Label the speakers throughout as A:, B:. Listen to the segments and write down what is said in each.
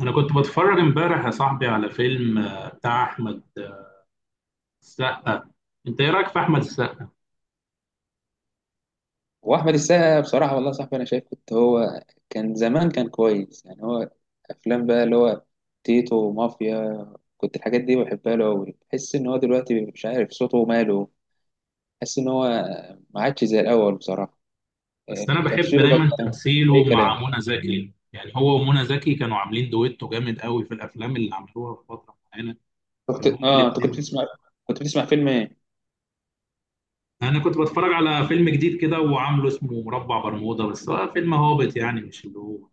A: انا كنت بتفرج امبارح يا صاحبي على فيلم بتاع احمد السقا. انت ايه رايك في احمد السقا؟
B: واحمد السقا بصراحه والله يا صاحبي انا شايف كنت هو كان زمان كان كويس يعني هو افلام بقى اللي هو تيتو ومافيا كنت الحاجات دي بحبها له قوي، بحس ان هو دلوقتي مش عارف صوته وماله. بحس ان هو ما عادش زي الاول بصراحه.
A: بس انا بحب
B: تمثيله بقى
A: دايما تمثيله
B: اي كلام.
A: مع منى زكي، يعني هو ومنى زكي كانوا عاملين دويتو جامد قوي في الافلام اللي عملوها في فتره معينه.
B: كنت
A: كانوا هما
B: اه انت كنت
A: الاثنين.
B: بتسمع كنت بتسمع فيلم ايه؟
A: انا كنت بتفرج على فيلم جديد كده وعامله اسمه مربع برمودا، بس هو فيلم هابط يعني، مش اللي هو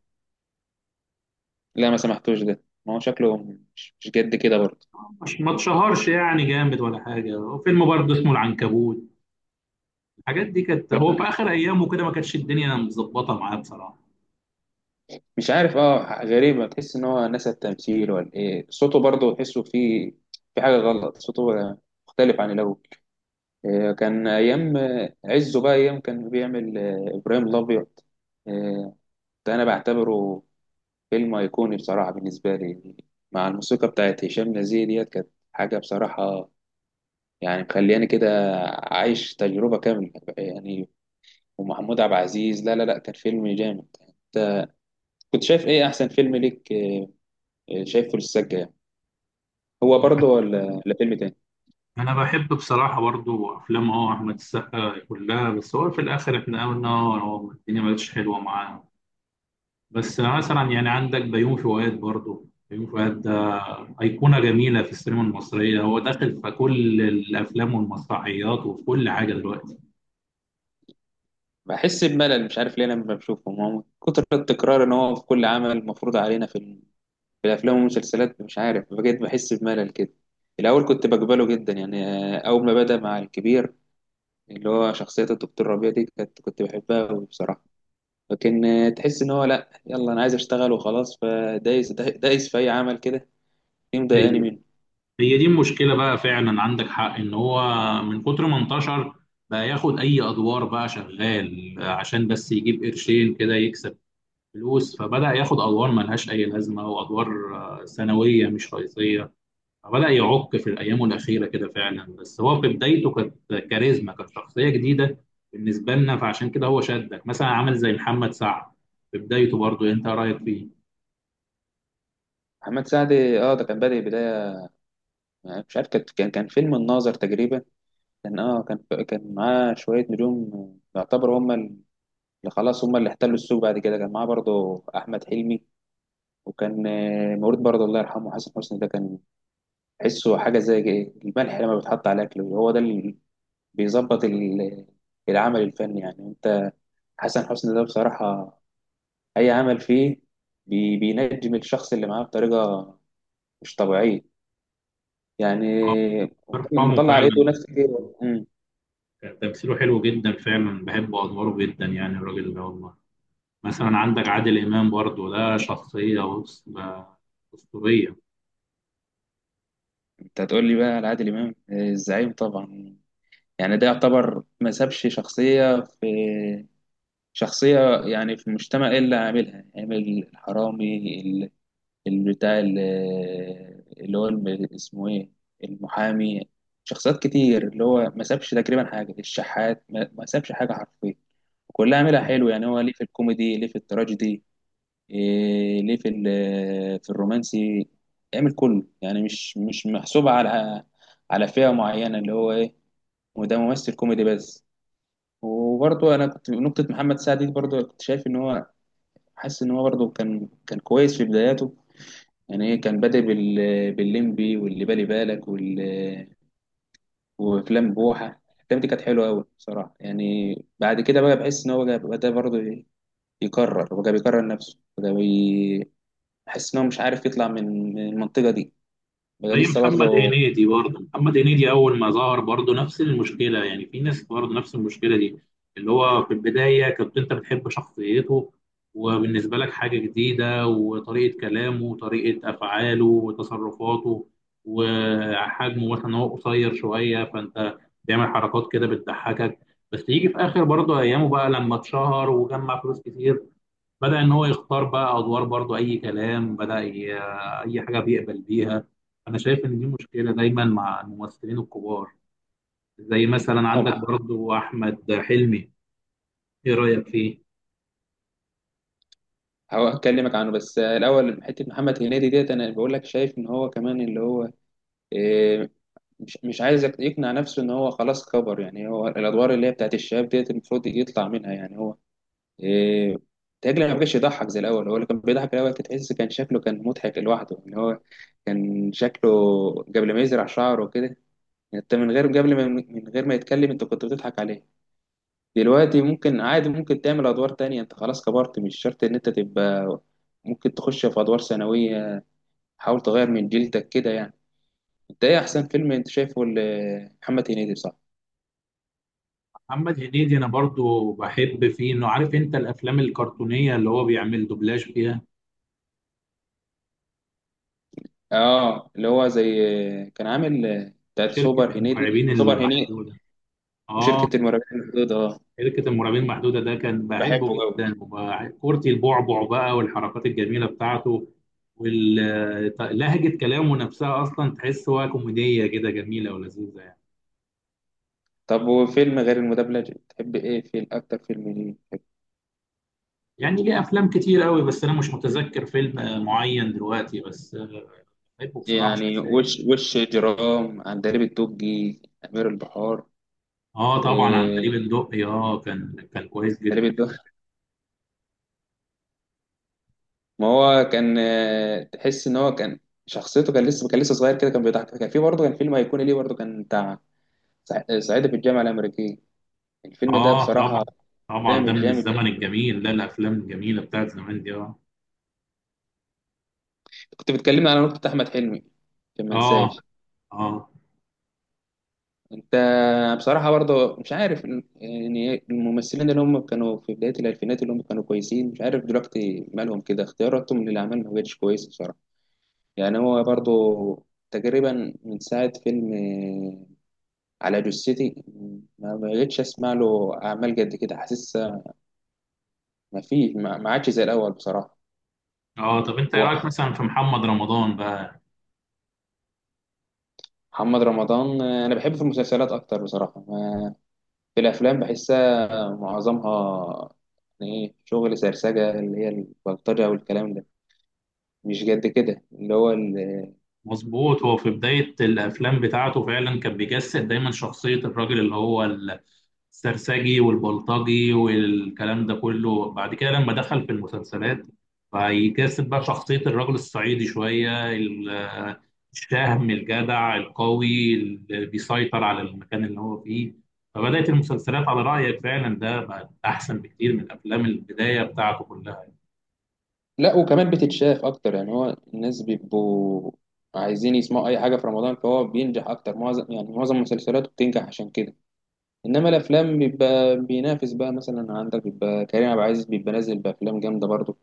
B: لا ما سمعتوش ده، ما هو شكله مش جد كده برضه.
A: مش ما اتشهرش يعني جامد ولا حاجه. وفيلم برضه اسمه العنكبوت، الحاجات دي كانت هو في اخر ايامه كده، ما كانتش الدنيا مظبطه معاه بصراحه.
B: مش عارف، اه غريبة تحس ان هو نسى التمثيل ولا ايه، صوته برضه تحسه فيه في حاجة غلط. صوته مختلف عن الاول. كان ايام عزه بقى، ايام كان بيعمل ابراهيم الابيض. آه، ده انا بعتبره فيلم ايقوني بصراحة بالنسبة لي، مع الموسيقى بتاعت هشام نزيه ديت، كانت حاجة بصراحة يعني، مخلياني كده عايش تجربة كاملة يعني. ومحمود عبد العزيز، لا لا لا كان فيلم جامد. كنت شايف ايه احسن فيلم ليك شايفه للسجة يعني؟ هو برضه ولا فيلم تاني؟
A: انا بحب بصراحه برضو افلام احمد السقا كلها، بس هو في الاخر احنا قلنا هو الدنيا ما بقتش حلوه معاه. بس مثلا يعني عندك بيومي فؤاد، برضو بيومي فؤاد ده ايقونه جميله في السينما المصريه، هو داخل في كل الافلام والمسرحيات وفي كل حاجه دلوقتي.
B: بحس بملل مش عارف ليه انا لما بشوفهم، هو من كتر التكرار ان هو في كل عمل مفروض علينا في الافلام والمسلسلات، مش عارف بجد بحس بملل كده. الاول كنت بقبله جدا يعني، اول ما بدا مع الكبير، اللي هو شخصيه الدكتور ربيع دي كنت بحبها أوي بصراحه. لكن تحس ان هو لا، يلا انا عايز اشتغل وخلاص، فدايس في اي عمل كده. دي مضايقاني
A: هي
B: منه.
A: هي دي المشكله بقى، فعلا عندك حق ان هو من كتر ما انتشر بقى ياخد اي ادوار، بقى شغال عشان بس يجيب قرشين كده يكسب فلوس. فبدأ ياخد أدوار ملهاش أي لازمة، وأدوار ثانوية مش رئيسية. فبدأ يعق في أيامه الأخيرة كده فعلا، بس هو في بدايته كانت كاريزما، كانت شخصية جديدة بالنسبة لنا. فعشان كده هو شدك. مثلا عامل زي محمد سعد في بدايته، برضو أنت رأيك فيه؟
B: محمد سعد، اه ده كان بادئ بدايه، مش عارف، كان فيلم الناظر تقريبا، كان اه كان كان معاه شوية نجوم يعتبر هم اللي خلاص هم اللي احتلوا السوق. بعد كده كان معاه برضه أحمد حلمي، وكان مولود برضه، الله يرحمه، حسن حسني ده كان تحسه حاجة زي الملح لما بيتحط على الأكل، هو ده اللي بيظبط العمل الفني يعني. أنت حسن حسني ده بصراحة أي عمل فيه بينجم الشخص اللي معاه بطريقة مش طبيعية
A: آه،
B: يعني.
A: ارحمه
B: مطلع على إيده
A: فعلا.
B: ناس كتير. مم.
A: كان تمثيله حلو جدا فعلا، بحب أدواره جدا يعني، الراجل ده والله. مثلا عندك عادل إمام برضو، ده شخصية أسطورية.
B: أنت هتقول لي بقى على عادل إمام، الزعيم طبعا يعني. ده يعتبر ما سابش شخصية في شخصية يعني في المجتمع إلا عاملها، عامل الحرامي، ال- ال- بتاع ال- اللي هو الم- اسمه إيه، المحامي. شخصيات كتير اللي هو ما سابش تقريبا حاجة، الشحات ما سابش حاجة حرفيا. كلها عاملها حلو يعني، هو ليه في الكوميدي، ليه في التراجيدي، ليه في الرومانسي، عامل كله يعني. مش محسوبة على على فئة معينة، اللي هو إيه، وده ممثل كوميدي بس. وبرضه انا كنت نقطه محمد سعد دي برضه كنت شايف ان هو، حاسس ان هو برضه كان كويس في بداياته يعني. كان بادئ بالليمبي واللي بالي بالك وافلام بوحه. الافلام دي كانت حلوه قوي بصراحه، يعني بعد كده بقى بحس ان هو بقى بدا برضه يكرر بقى، بيكرر نفسه بقى. بحس ان هو مش عارف يطلع من المنطقه دي بقى
A: زي
B: لسه
A: محمد
B: برضه.
A: هنيدي برضه، محمد هنيدي اول ما ظهر برضه نفس المشكله، يعني في ناس برضه نفس المشكله دي. اللي هو في البدايه كنت انت بتحب شخصيته، وبالنسبه لك حاجه جديده، وطريقه كلامه وطريقه افعاله وتصرفاته، وحجمه مثلا هو قصير شويه، فانت بيعمل حركات كده بتضحكك. بس يجي في اخر برضه ايامه بقى لما اتشهر وجمع فلوس كتير، بدأ إن هو يختار بقى أدوار برضو أي كلام. أي حاجة بيقبل بيها. أنا شايف إن دي مشكلة دايما مع الممثلين الكبار، زي مثلا
B: هم،
A: عندك برضو أحمد حلمي. إيه رأيك فيه؟
B: هكلمك عنه بس الاول حته محمد هنيدي ديت، انا بقول لك شايف ان هو كمان اللي هو إيه، مش عايز يقنع نفسه ان هو خلاص كبر يعني. هو الادوار اللي هي بتاعت الشباب ديت المفروض يطلع منها يعني هو إيه تاجل. ما بقاش يضحك زي الاول. هو اللي كان بيضحك الاول، كنت تحس كان شكله كان مضحك لوحده. ان هو كان شكله قبل ما يزرع شعره كده، انت من غير ما يتكلم انت كنت بتضحك عليه. دلوقتي ممكن عادي، ممكن تعمل ادوار تانية، انت خلاص كبرت مش شرط ان انت تبقى، ممكن تخش في ادوار ثانوية، حاول تغير من جلدك كده يعني. انت ايه احسن فيلم انت شايفه لمحمد هنيدي؟ صح،
A: محمد هنيدي أنا برضو بحب فيه إنه، عارف أنت الأفلام الكرتونية اللي هو بيعمل دوبلاج فيها،
B: اه اللي هو زي، كان عامل بتاعت
A: شركة
B: سوبر هنيدي.
A: المرعبين
B: سوبر هنيدي
A: المحدودة. آه.
B: وشركة المرابحين البيضاء، اه
A: شركة المرعبين المحدودة ده كان بحبه
B: بحبه قوي.
A: جدا، كورتي البعبع بقى والحركات الجميلة بتاعته، ولهجة كلامه نفسها أصلا تحس هو كوميدية كده جميلة ولذيذة يعني.
B: طب وفيلم غير المدبلج بتحب ايه؟ فيلم اكتر فيلم ليه بتحب؟
A: يعني ليه أفلام كتير قوي، بس أنا مش متذكر فيلم معين دلوقتي، بس بحبه بصراحة
B: يعني
A: شخصيا.
B: وش جرام، عندليب الدقي، امير البحار.
A: آه طبعا،
B: إيه
A: عندليب الدقي، كان كويس جدا.
B: عندليب الدقي، ما هو كان تحس ان هو كان شخصيته، كان لسه كان لسه صغير كده، كان بيضحك، كان في برضه كان فيلم هيكون ليه برضه كان بتاع صعيدي في الجامعة الأمريكية. الفيلم ده
A: آه
B: بصراحة
A: طبعا، طبعا ده
B: جامد
A: من
B: جامد
A: الزمن
B: جامد.
A: الجميل، لا الأفلام الجميلة بتاعت زمان دي.
B: كنت بتكلمنا على نقطة أحمد حلمي عشان ما
A: آه،
B: انساش.
A: آه،
B: أنت بصراحة برضه مش عارف، يعني الممثلين اللي هم كانوا في بداية الألفينات اللي هم كانوا كويسين، مش عارف دلوقتي مالهم كده، اختياراتهم للأعمال ما بقتش كويسة بصراحة. يعني هو برضه تقريبا من ساعة فيلم على جثتي، ما بقتش أسمع له أعمال قد كده. حاسس ما فيه، ما عادش زي الأول بصراحة.
A: اه. طب انت ايه
B: هو
A: رايك مثلا في محمد رمضان بقى؟
B: محمد رمضان أنا بحبه في المسلسلات أكتر بصراحة. في الأفلام بحس معظمها يعني ايه شغل سرسجة، اللي هي البلطجة والكلام ده، مش قد كده اللي هو ال...
A: مظبوط، هو في بداية الأفلام بتاعته فعلا كان بيجسد دايما شخصية الراجل اللي هو السرسجي والبلطجي والكلام ده كله. بعد كده لما دخل في المسلسلات فيجسد بقى شخصية الراجل الصعيدي شوية، الشهم الجدع القوي اللي بيسيطر على المكان اللي هو فيه. فبدأت المسلسلات على رأيك فعلا ده بقت أحسن بكتير من أفلام البداية بتاعته كلها.
B: لا وكمان بتتشاف اكتر، يعني هو الناس بيبقوا عايزين يسمعوا اي حاجة في رمضان، فهو بينجح اكتر، معظم يعني معظم مسلسلاته بتنجح عشان كده. انما الافلام بيبقى بينافس بقى، مثلا عندك بيبقى كريم عبد العزيز بيبقى نازل بافلام جامدة برضه،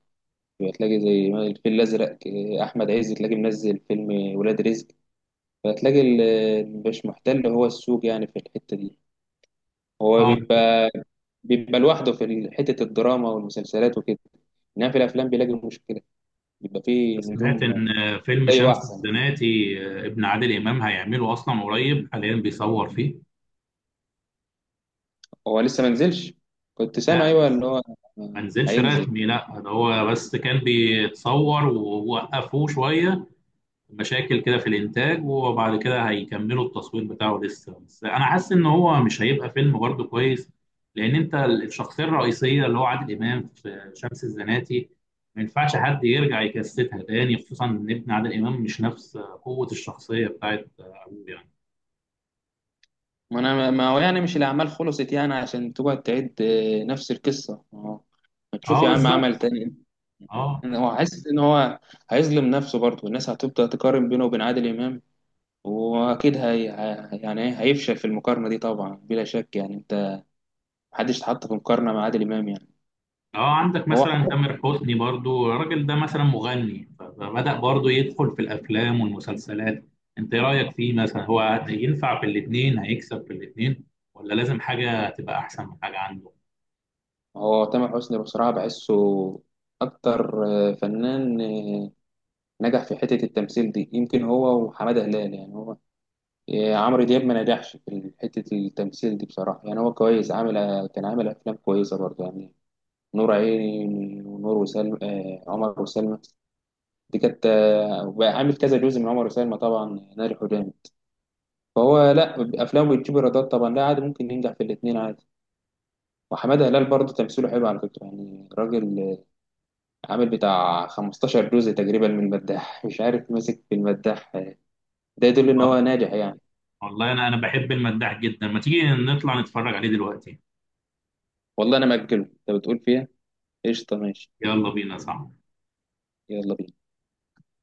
B: بتلاقي زي الفيل الازرق، احمد عز تلاقي منزل فيلم ولاد رزق، فتلاقي مش محتل هو السوق يعني في الحتة دي. هو
A: اه،
B: بيبقى بيبقى لوحده حتة الدراما والمسلسلات وكده، إنما في الأفلام بيلاقي مشكلة، بيبقى فيه
A: سمعت
B: نجوم.
A: إن فيلم
B: أيوة
A: شمس
B: أحسن.
A: الزناتي ابن عادل إمام هيعمله أصلا قريب، حاليا بيصور فيه.
B: هو لسه ما نزلش؟ كنت سامع
A: لا،
B: أيوة إن هو
A: ما نزلش
B: هينزل.
A: رسمي، لا ده هو بس كان بيتصور ووقفوه شوية، مشاكل كده في الإنتاج، وبعد كده هيكملوا التصوير بتاعه لسه. بس أنا حاسس إن هو مش هيبقى فيلم برضه كويس، لأن أنت الشخصية الرئيسية اللي هو عادل إمام في شمس الزناتي ما ينفعش حد يرجع يكستها تاني، خصوصا إن ابن عادل إمام مش نفس قوة الشخصية بتاعت أبوه يعني.
B: ما أنا، ما هو يعني مش الأعمال خلصت يعني عشان تقعد تعيد نفس القصة، ما تشوف
A: اه
B: يا عم
A: بالظبط.
B: عمل تاني.
A: اه.
B: أنا هو حاسس إن هو هيظلم نفسه برضه، الناس هتبدأ تقارن بينه وبين عادل إمام، وأكيد يعني هيفشل في المقارنة دي طبعا بلا شك يعني. أنت محدش اتحط في مقارنة مع عادل إمام يعني.
A: اه، عندك مثلا
B: هو
A: تامر حسني برضو، الراجل ده مثلا مغني فبدأ برضو يدخل في الافلام والمسلسلات. انت ايه رايك فيه؟ مثلا هو ينفع في الاثنين، هيكسب في الاثنين، ولا لازم حاجه تبقى احسن من حاجه عنده؟
B: هو تامر حسني بصراحة بحسه أكتر، فنان نجح في حتة التمثيل دي، يمكن هو وحمادة هلال يعني. هو عمرو دياب ما نجحش في حتة التمثيل دي بصراحة، يعني هو كويس، عامل كان عامل أفلام كويسة برضه يعني، نور عيني ونور وسلمى، عمر وسلمى دي كانت وعامل كذا جزء من عمر وسلمى طبعا، نار الحجام. فهو لا، أفلامه بتجيب إيرادات طبعا، لا عادي ممكن ينجح في الاتنين عادي. وحمادة هلال برضه تمثيله حلو على فكرة يعني، راجل عامل بتاع 15 جزء تقريبا من المداح، مش عارف ماسك في المداح. ده يدل ان
A: اه،
B: هو ناجح يعني.
A: والله انا بحب المداح جدا، ما تيجي نطلع نتفرج عليه دلوقتي.
B: والله انا مأجله، انت بتقول فيها؟ قشطه، ماشي.
A: يلا بينا، صح.
B: يلا بينا.